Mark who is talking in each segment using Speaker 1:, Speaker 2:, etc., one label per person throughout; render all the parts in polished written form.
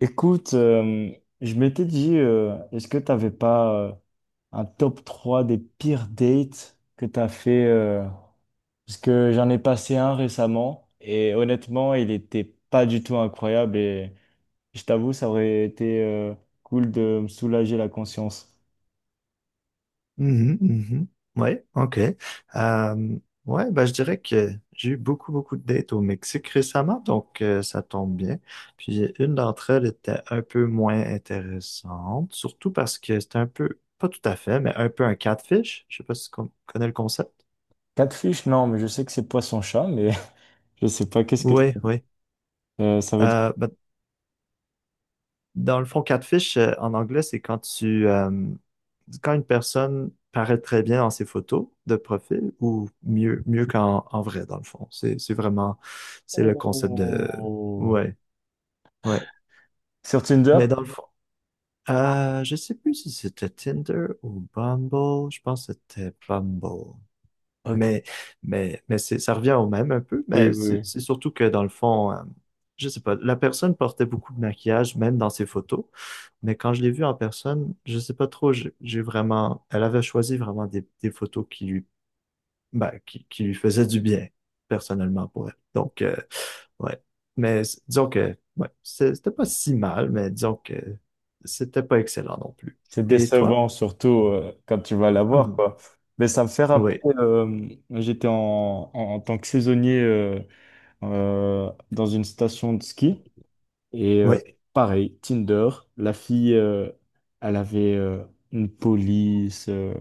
Speaker 1: Écoute, je m'étais dit, est-ce que tu n'avais pas un top 3 des pires dates que tu as fait parce que j'en ai passé un récemment et honnêtement, il n'était pas du tout incroyable et je t'avoue, ça aurait été cool de me soulager la conscience.
Speaker 2: Mhm, mhm. Ouais, ok. Euh, ouais, bah, je dirais que j'ai eu beaucoup, beaucoup de dates au Mexique récemment, donc ça tombe bien. Puis une d'entre elles était un peu moins intéressante, surtout parce que c'était un peu, pas tout à fait, mais un peu un catfish. Je sais pas si connais le concept.
Speaker 1: Catfish, non, mais je sais que c'est poisson-chat, mais je sais pas qu'est-ce que
Speaker 2: Oui, oui.
Speaker 1: Ça veut dire.
Speaker 2: Ben, dans le fond, catfish, en anglais, c'est quand quand une personne paraît très bien dans ses photos de profil ou mieux qu'en en vrai, dans le fond. C'est vraiment, c'est le concept de.
Speaker 1: Oh.
Speaker 2: Ouais, ouais.
Speaker 1: Sur Tinder?
Speaker 2: Mais dans le fond, je sais plus si c'était Tinder ou Bumble. Je pense que c'était Bumble.
Speaker 1: Ok.
Speaker 2: Mais, mais c'est, ça revient au même un peu,
Speaker 1: Oui,
Speaker 2: mais
Speaker 1: oui,
Speaker 2: c'est
Speaker 1: oui.
Speaker 2: c'est surtout que dans le fond, je sais pas, la personne portait beaucoup de maquillage, même dans ses photos. Mais quand je l'ai vue en personne, je sais pas trop, j'ai vraiment, elle avait choisi vraiment des photos qui lui, ben, qui lui faisaient du bien, personnellement, pour elle. Donc, ouais. Mais disons que, ouais, c'était pas si mal, mais disons que c'était pas excellent non plus.
Speaker 1: C'est
Speaker 2: Et toi?
Speaker 1: décevant, surtout quand tu vas l'avoir,
Speaker 2: Mhm.
Speaker 1: quoi. Mais ça me fait rappeler,
Speaker 2: Oui,
Speaker 1: j'étais en tant que saisonnier dans une station de ski. Et
Speaker 2: oui.
Speaker 1: pareil, Tinder, la fille, elle avait une police,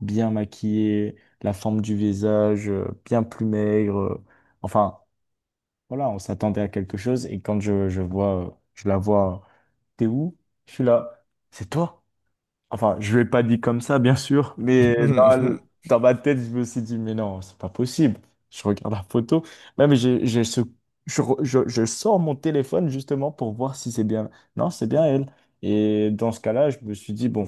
Speaker 1: bien maquillée, la forme du visage, bien plus maigre. Enfin, voilà, on s'attendait à quelque chose. Et quand je vois, je la vois, t'es où? Je suis là, c'est toi? Enfin, je ne l'ai pas dit comme ça, bien sûr, mais dans ma tête, je me suis dit, mais non, c'est pas possible. Je regarde la photo. Même, j'ai ce, je sors mon téléphone justement pour voir si c'est bien. Non, c'est bien elle. Et dans ce cas-là, je me suis dit, bon,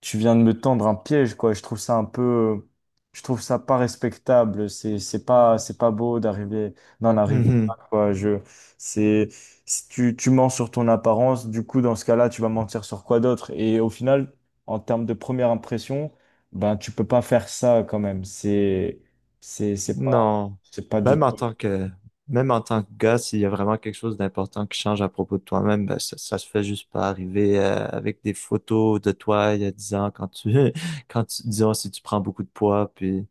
Speaker 1: tu viens de me tendre un piège, quoi. Je trouve ça un peu, je trouve ça pas respectable. C'est pas beau d'arriver, d'en arriver là, quoi. C'est, Si tu mens sur ton apparence. Du coup, dans ce cas-là, tu vas mentir sur quoi d'autre? Et au final, en termes de première impression, ben, tu peux pas faire ça quand même. C'est, c'est pas,
Speaker 2: Non.
Speaker 1: c'est pas du
Speaker 2: Même en
Speaker 1: tout,
Speaker 2: tant que, même en tant que gars, s'il y a vraiment quelque chose d'important qui change à propos de toi-même, ben, ça se fait juste pas arriver avec des photos de toi il y a 10 ans quand tu, quand tu, disons, si tu prends beaucoup de poids, puis,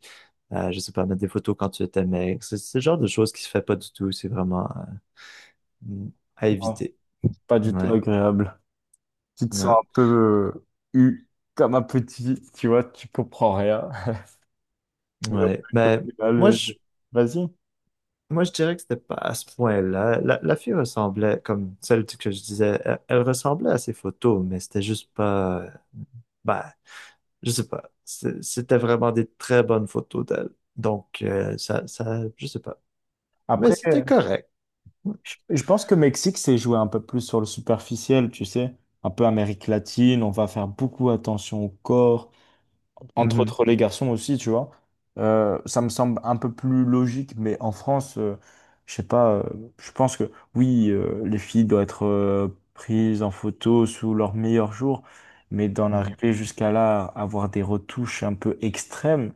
Speaker 2: je sais pas, mettre des photos quand tu étais maigre. C'est le genre de choses qui se fait pas du tout. C'est vraiment euh, à éviter.
Speaker 1: pas du tout
Speaker 2: Ouais.
Speaker 1: agréable. Tu te sens
Speaker 2: Non.
Speaker 1: un peu eu comme un petit, tu vois, tu comprends rien. Mais au
Speaker 2: Ouais.
Speaker 1: plutôt
Speaker 2: Moi,
Speaker 1: je-
Speaker 2: je,
Speaker 1: vas-y.
Speaker 2: Moi, je dirais que c'était pas à ce point-là. La fille ressemblait, comme celle que je disais, elle, elle ressemblait à ses photos, mais c'était juste pas, bah, je sais pas. C'était vraiment des très bonnes photos d'elle. Donc, ça, ça, je sais pas. Mais
Speaker 1: Après,
Speaker 2: c'était correct.
Speaker 1: je pense que Mexique, c'est joué un peu plus sur le superficiel, tu sais. Un peu Amérique latine, on va faire beaucoup attention au corps, entre
Speaker 2: Mhm,
Speaker 1: autres les garçons aussi, tu vois. Ça me semble un peu plus logique, mais en France, je sais pas, je pense que oui, les filles doivent être prises en photo sous leur meilleur jour, mais d'en
Speaker 2: mhm,
Speaker 1: arriver jusqu'à là, avoir des retouches un peu extrêmes,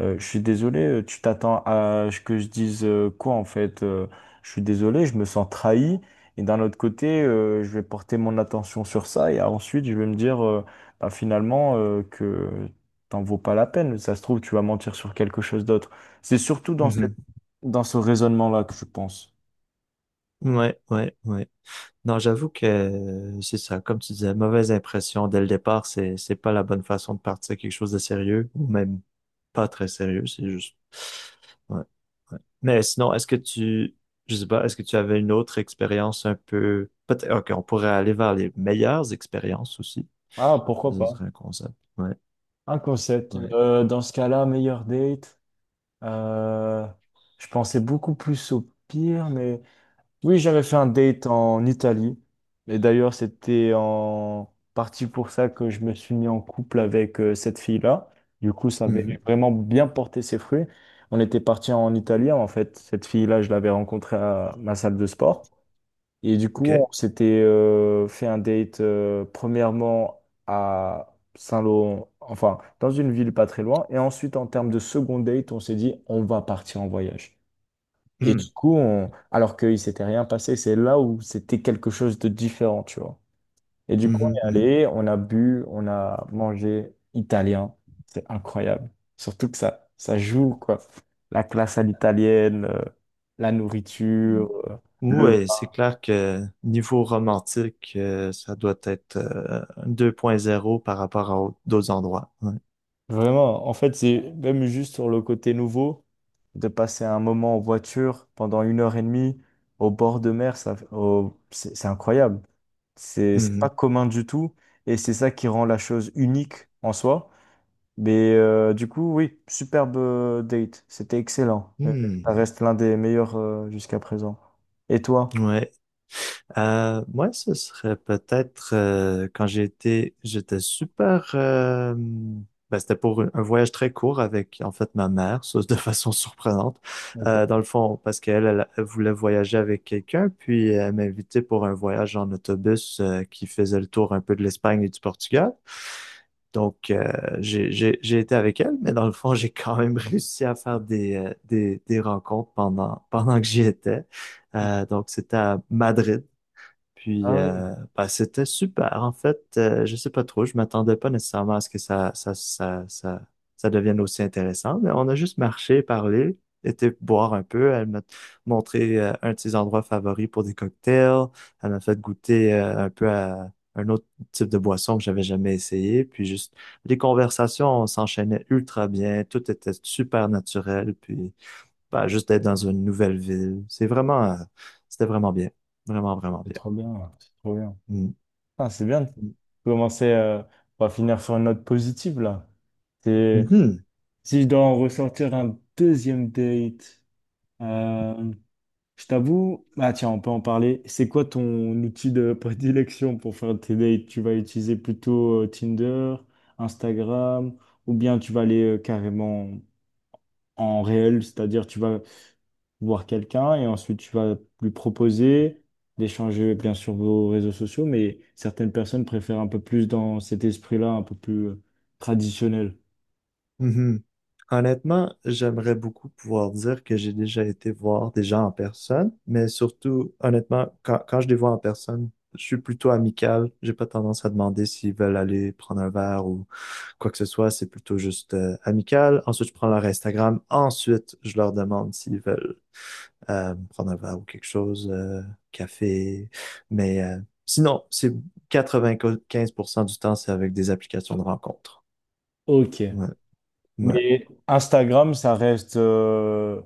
Speaker 1: je suis désolé, tu t'attends à ce que je dise quoi en fait? Je suis désolé, je me sens trahi. Et d'un autre côté, je vais porter mon attention sur ça et ensuite je vais me dire bah, finalement que t'en vaut pas la peine. Ça se trouve, tu vas mentir sur quelque chose d'autre. C'est surtout dans
Speaker 2: mhm.
Speaker 1: dans ce raisonnement-là que je pense.
Speaker 2: Ouais, ouais, ouais. Non, j'avoue que c'est ça, comme tu disais, mauvaise impression dès le départ, c'est pas la bonne façon de partir quelque chose de sérieux, ou même pas très sérieux, c'est juste. Ouais, ouais. Mais sinon, est-ce que tu, je sais pas, est-ce que tu avais une autre expérience un peu, peut-être, ok, on pourrait aller vers les meilleures expériences aussi,
Speaker 1: Ah,
Speaker 2: ça
Speaker 1: pourquoi
Speaker 2: ce
Speaker 1: pas?
Speaker 2: serait un concept. Ouais,
Speaker 1: Un concept.
Speaker 2: ouais.
Speaker 1: Dans ce cas-là, meilleur date. Euh, je pensais beaucoup plus au pire, mais oui, j'avais fait un date en Italie. Et d'ailleurs, c'était en partie pour ça que je me suis mis en couple avec cette fille-là. Du coup, ça
Speaker 2: Mhm.
Speaker 1: avait vraiment bien porté ses fruits. On était parti en Italie. En fait, cette fille-là, je l'avais rencontrée à ma salle de sport. Et du
Speaker 2: Ok.
Speaker 1: coup, on s'était fait un date premièrement à Saint-Lô, enfin dans une ville pas très loin. Et ensuite, en termes de second date, on s'est dit on va partir en voyage. Et
Speaker 2: Mhm.
Speaker 1: du coup, alors qu'il s'était rien passé, c'est là où c'était quelque chose de différent, tu vois. Et du coup, on est
Speaker 2: Mhm,
Speaker 1: allé, on a bu, on a mangé italien. C'est incroyable. Surtout que ça joue, quoi. La classe à l'italienne, la
Speaker 2: mhm.
Speaker 1: nourriture, le
Speaker 2: Oui, c'est clair que niveau romantique, ça doit être 2.0 par rapport à d'autres endroits. Ouais.
Speaker 1: vraiment, en fait, c'est même juste sur le côté nouveau, de passer un moment en voiture pendant 1 h 30 au bord de mer, c'est incroyable. C'est pas
Speaker 2: Mhm.
Speaker 1: commun du tout et c'est ça qui rend la chose unique en soi. Mais du coup, oui, superbe date, c'était excellent. Ça
Speaker 2: Hmm.
Speaker 1: reste l'un des meilleurs jusqu'à présent. Et toi?
Speaker 2: Ouais. Moi, ce serait peut-être quand j'étais super. Ben, c'était pour un voyage très court avec en fait ma mère, ça de façon surprenante.
Speaker 1: Ok.
Speaker 2: Dans le fond, parce qu'elle elle voulait voyager avec quelqu'un, puis elle m'a invité pour un voyage en autobus qui faisait le tour un peu de l'Espagne et du Portugal. Donc, j'ai été avec elle, mais dans le fond, j'ai quand même réussi à faire des rencontres pendant que j'y étais. Donc, c'était à Madrid. Puis,
Speaker 1: Ah oui,
Speaker 2: bah, c'était super. En fait, je sais pas trop. Je m'attendais pas nécessairement à ce que ça devienne aussi intéressant. Mais on a juste marché, parlé, été boire un peu. Elle m'a montré un de ses endroits favoris pour des cocktails. Elle m'a fait goûter un peu à un autre type de boisson que j'avais jamais essayé. Puis juste, les conversations s'enchaînaient ultra bien. Tout était super naturel. Puis, bah, juste d'être dans une nouvelle ville. C'est vraiment, c'était vraiment bien. Vraiment, vraiment
Speaker 1: c'est
Speaker 2: bien.
Speaker 1: trop bien, c'est trop bien. Ah, c'est bien. Commencer, on va finir sur une note positive là. C'est-
Speaker 2: Mhm,
Speaker 1: Si je dois en ressortir un deuxième date, euh, je t'avoue, ah tiens, on peut en parler. C'est quoi ton outil de prédilection pour faire tes dates? Tu vas utiliser plutôt Tinder, Instagram, ou bien tu vas aller carrément en réel, c'est-à-dire tu vas voir quelqu'un et ensuite tu vas lui proposer d'échanger bien sûr vos réseaux sociaux, mais certaines personnes préfèrent un peu plus dans cet esprit-là, un peu plus traditionnel.
Speaker 2: mhm. Honnêtement, j'aimerais beaucoup pouvoir dire que j'ai déjà été voir des gens en personne, mais surtout, honnêtement, quand je les vois en personne, je suis plutôt amical. J'ai pas tendance à demander s'ils veulent aller prendre un verre ou quoi que ce soit. C'est plutôt juste amical. Ensuite, je prends leur Instagram. Ensuite, je leur demande s'ils veulent prendre un verre ou quelque chose, café. Mais sinon, c'est 95% du temps, c'est avec des applications de rencontre.
Speaker 1: Ok.
Speaker 2: Ouais. Ouais.
Speaker 1: Mais Instagram,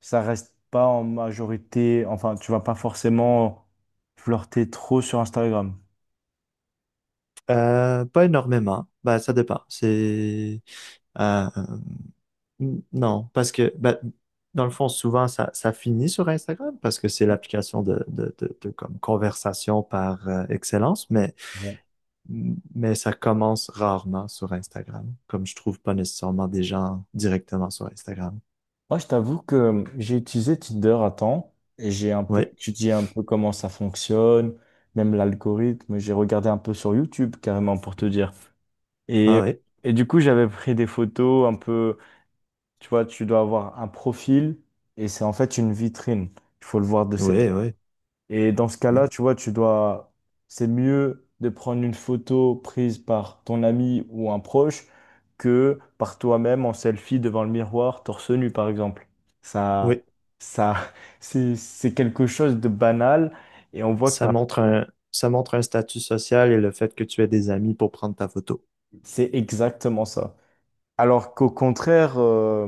Speaker 1: ça reste pas en majorité. Enfin, tu vas pas forcément flirter trop sur Instagram.
Speaker 2: Pas énormément. Bah, ça dépend. C'est euh, non, parce que bah, dans le fond, souvent ça, ça finit sur Instagram parce que c'est l'application de comme conversation par excellence, mais ça commence rarement sur Instagram, comme je trouve pas nécessairement des gens directement sur Instagram.
Speaker 1: Moi, je t'avoue que j'ai utilisé Tinder à temps et j'ai un peu
Speaker 2: Oui,
Speaker 1: étudié un peu comment ça fonctionne, même l'algorithme. J'ai regardé un peu sur YouTube carrément pour te dire.
Speaker 2: ah
Speaker 1: Et,
Speaker 2: oui,
Speaker 1: et du coup, j'avais pris des photos un peu, tu vois, tu dois avoir un profil et c'est en fait une vitrine. Il faut le voir de cette
Speaker 2: oui, oui,
Speaker 1: et dans ce
Speaker 2: oui.
Speaker 1: cas-là, tu vois, tu dois, c'est mieux de prendre une photo prise par ton ami ou un proche que par toi-même en selfie devant le miroir, torse nu, par exemple. Ça,
Speaker 2: Oui.
Speaker 1: ça, c'est quelque chose de banal et on voit que
Speaker 2: Ça montre un, ça montre un statut social et le fait que tu aies des amis pour prendre ta photo.
Speaker 1: c'est exactement ça. Alors qu'au contraire,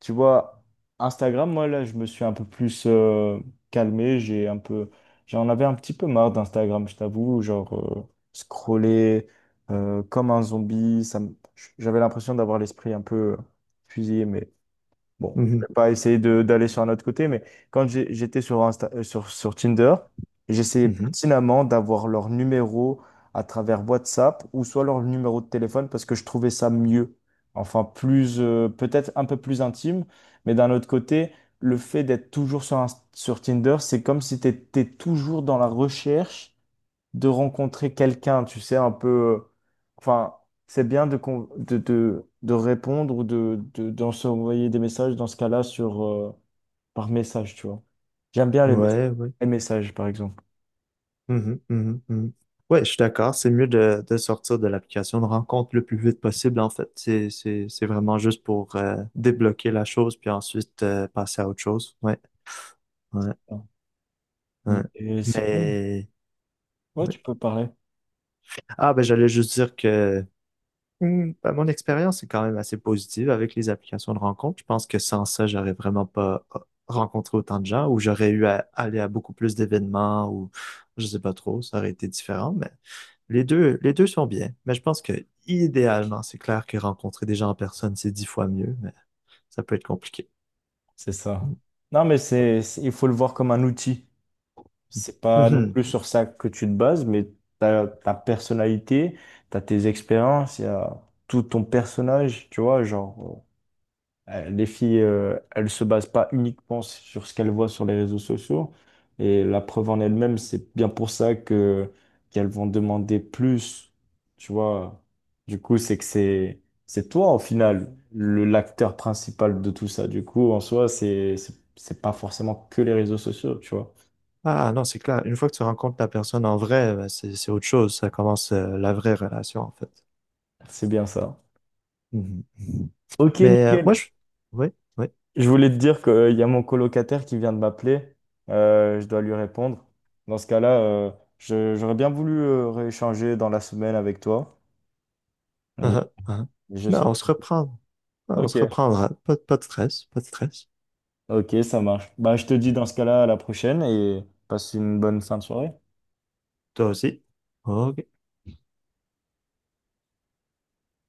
Speaker 1: tu vois, Instagram, moi là, je me suis un peu plus calmé. J'ai un peu, j'en avais un petit peu marre d'Instagram, je t'avoue. Genre, euh, scroller comme un zombie, j'avais l'impression d'avoir l'esprit un peu fusillé. Mais bon, je
Speaker 2: Mhm,
Speaker 1: vais pas essayer de d'aller sur un autre côté, mais quand j'étais sur sur Tinder, j'essayais
Speaker 2: mhm.
Speaker 1: pertinemment d'avoir leur numéro à travers WhatsApp ou soit leur numéro de téléphone parce que je trouvais ça mieux. Enfin, plus peut-être un peu plus intime, mais d'un autre côté, le fait d'être toujours sur Tinder, c'est comme si tu étais toujours dans la recherche de rencontrer quelqu'un, tu sais, un peu... enfin, c'est bien de répondre ou d'en s'envoyer des messages dans ce cas-là sur, par message, tu vois. J'aime bien
Speaker 2: Ouais, ouais.
Speaker 1: les messages, par exemple.
Speaker 2: Mhm, mhm, mhm. Ouais, je suis d'accord. C'est mieux de sortir de l'application de rencontre le plus vite possible, en fait. C'est vraiment juste pour débloquer la chose, puis ensuite passer à autre chose. Ouais, ouais, ouais.
Speaker 1: Et c'est bon.
Speaker 2: Mais,
Speaker 1: Ouais,
Speaker 2: oui,
Speaker 1: tu peux parler.
Speaker 2: ah, ben j'allais juste dire que ben, mon expérience est quand même assez positive avec les applications de rencontre. Je pense que sans ça, j'aurais vraiment pas rencontré autant de gens ou j'aurais eu à aller à beaucoup plus d'événements ou je sais pas trop, ça aurait été différent, mais les deux sont bien. Mais je pense que idéalement, c'est clair que rencontrer des gens en personne, c'est 10 fois mieux, mais ça peut être compliqué.
Speaker 1: C'est ça. Non, mais il faut le voir comme un outil. C'est pas non
Speaker 2: Mhm.
Speaker 1: plus sur ça que tu te bases, mais t'as ta personnalité, t'as tes expériences, il y a tout ton personnage, tu vois, genre. Les filles, elles se basent pas uniquement sur ce qu'elles voient sur les réseaux sociaux. Et la preuve en elle-même, c'est bien pour ça que qu'elles vont demander plus. Tu vois, du coup, c'est que c'est toi au final le l'acteur principal de tout ça. Du coup, en soi, c'est pas forcément que les réseaux sociaux. Tu vois,
Speaker 2: Ah non, c'est clair. Une fois que tu rencontres la personne en vrai, ben, c'est autre chose. Ça commence la vraie relation, en fait.
Speaker 1: c'est bien ça.
Speaker 2: Mhm.
Speaker 1: Ok,
Speaker 2: Mais
Speaker 1: nickel.
Speaker 2: moi, je. Oui, oui.
Speaker 1: Je voulais te dire qu'il y a mon colocataire qui vient de m'appeler. Je dois lui répondre. Dans ce cas-là, j'aurais bien voulu rééchanger dans la semaine avec toi. Et
Speaker 2: Uh-huh, uh-huh.
Speaker 1: je
Speaker 2: Non,
Speaker 1: sais.
Speaker 2: on se reprend. Non, on
Speaker 1: Ok,
Speaker 2: se reprendra. Pas, pas de stress, pas de stress.
Speaker 1: ok, ça marche. Bah, je te dis dans ce cas-là à la prochaine et passe une bonne fin de soirée.
Speaker 2: Toi aussi. OK.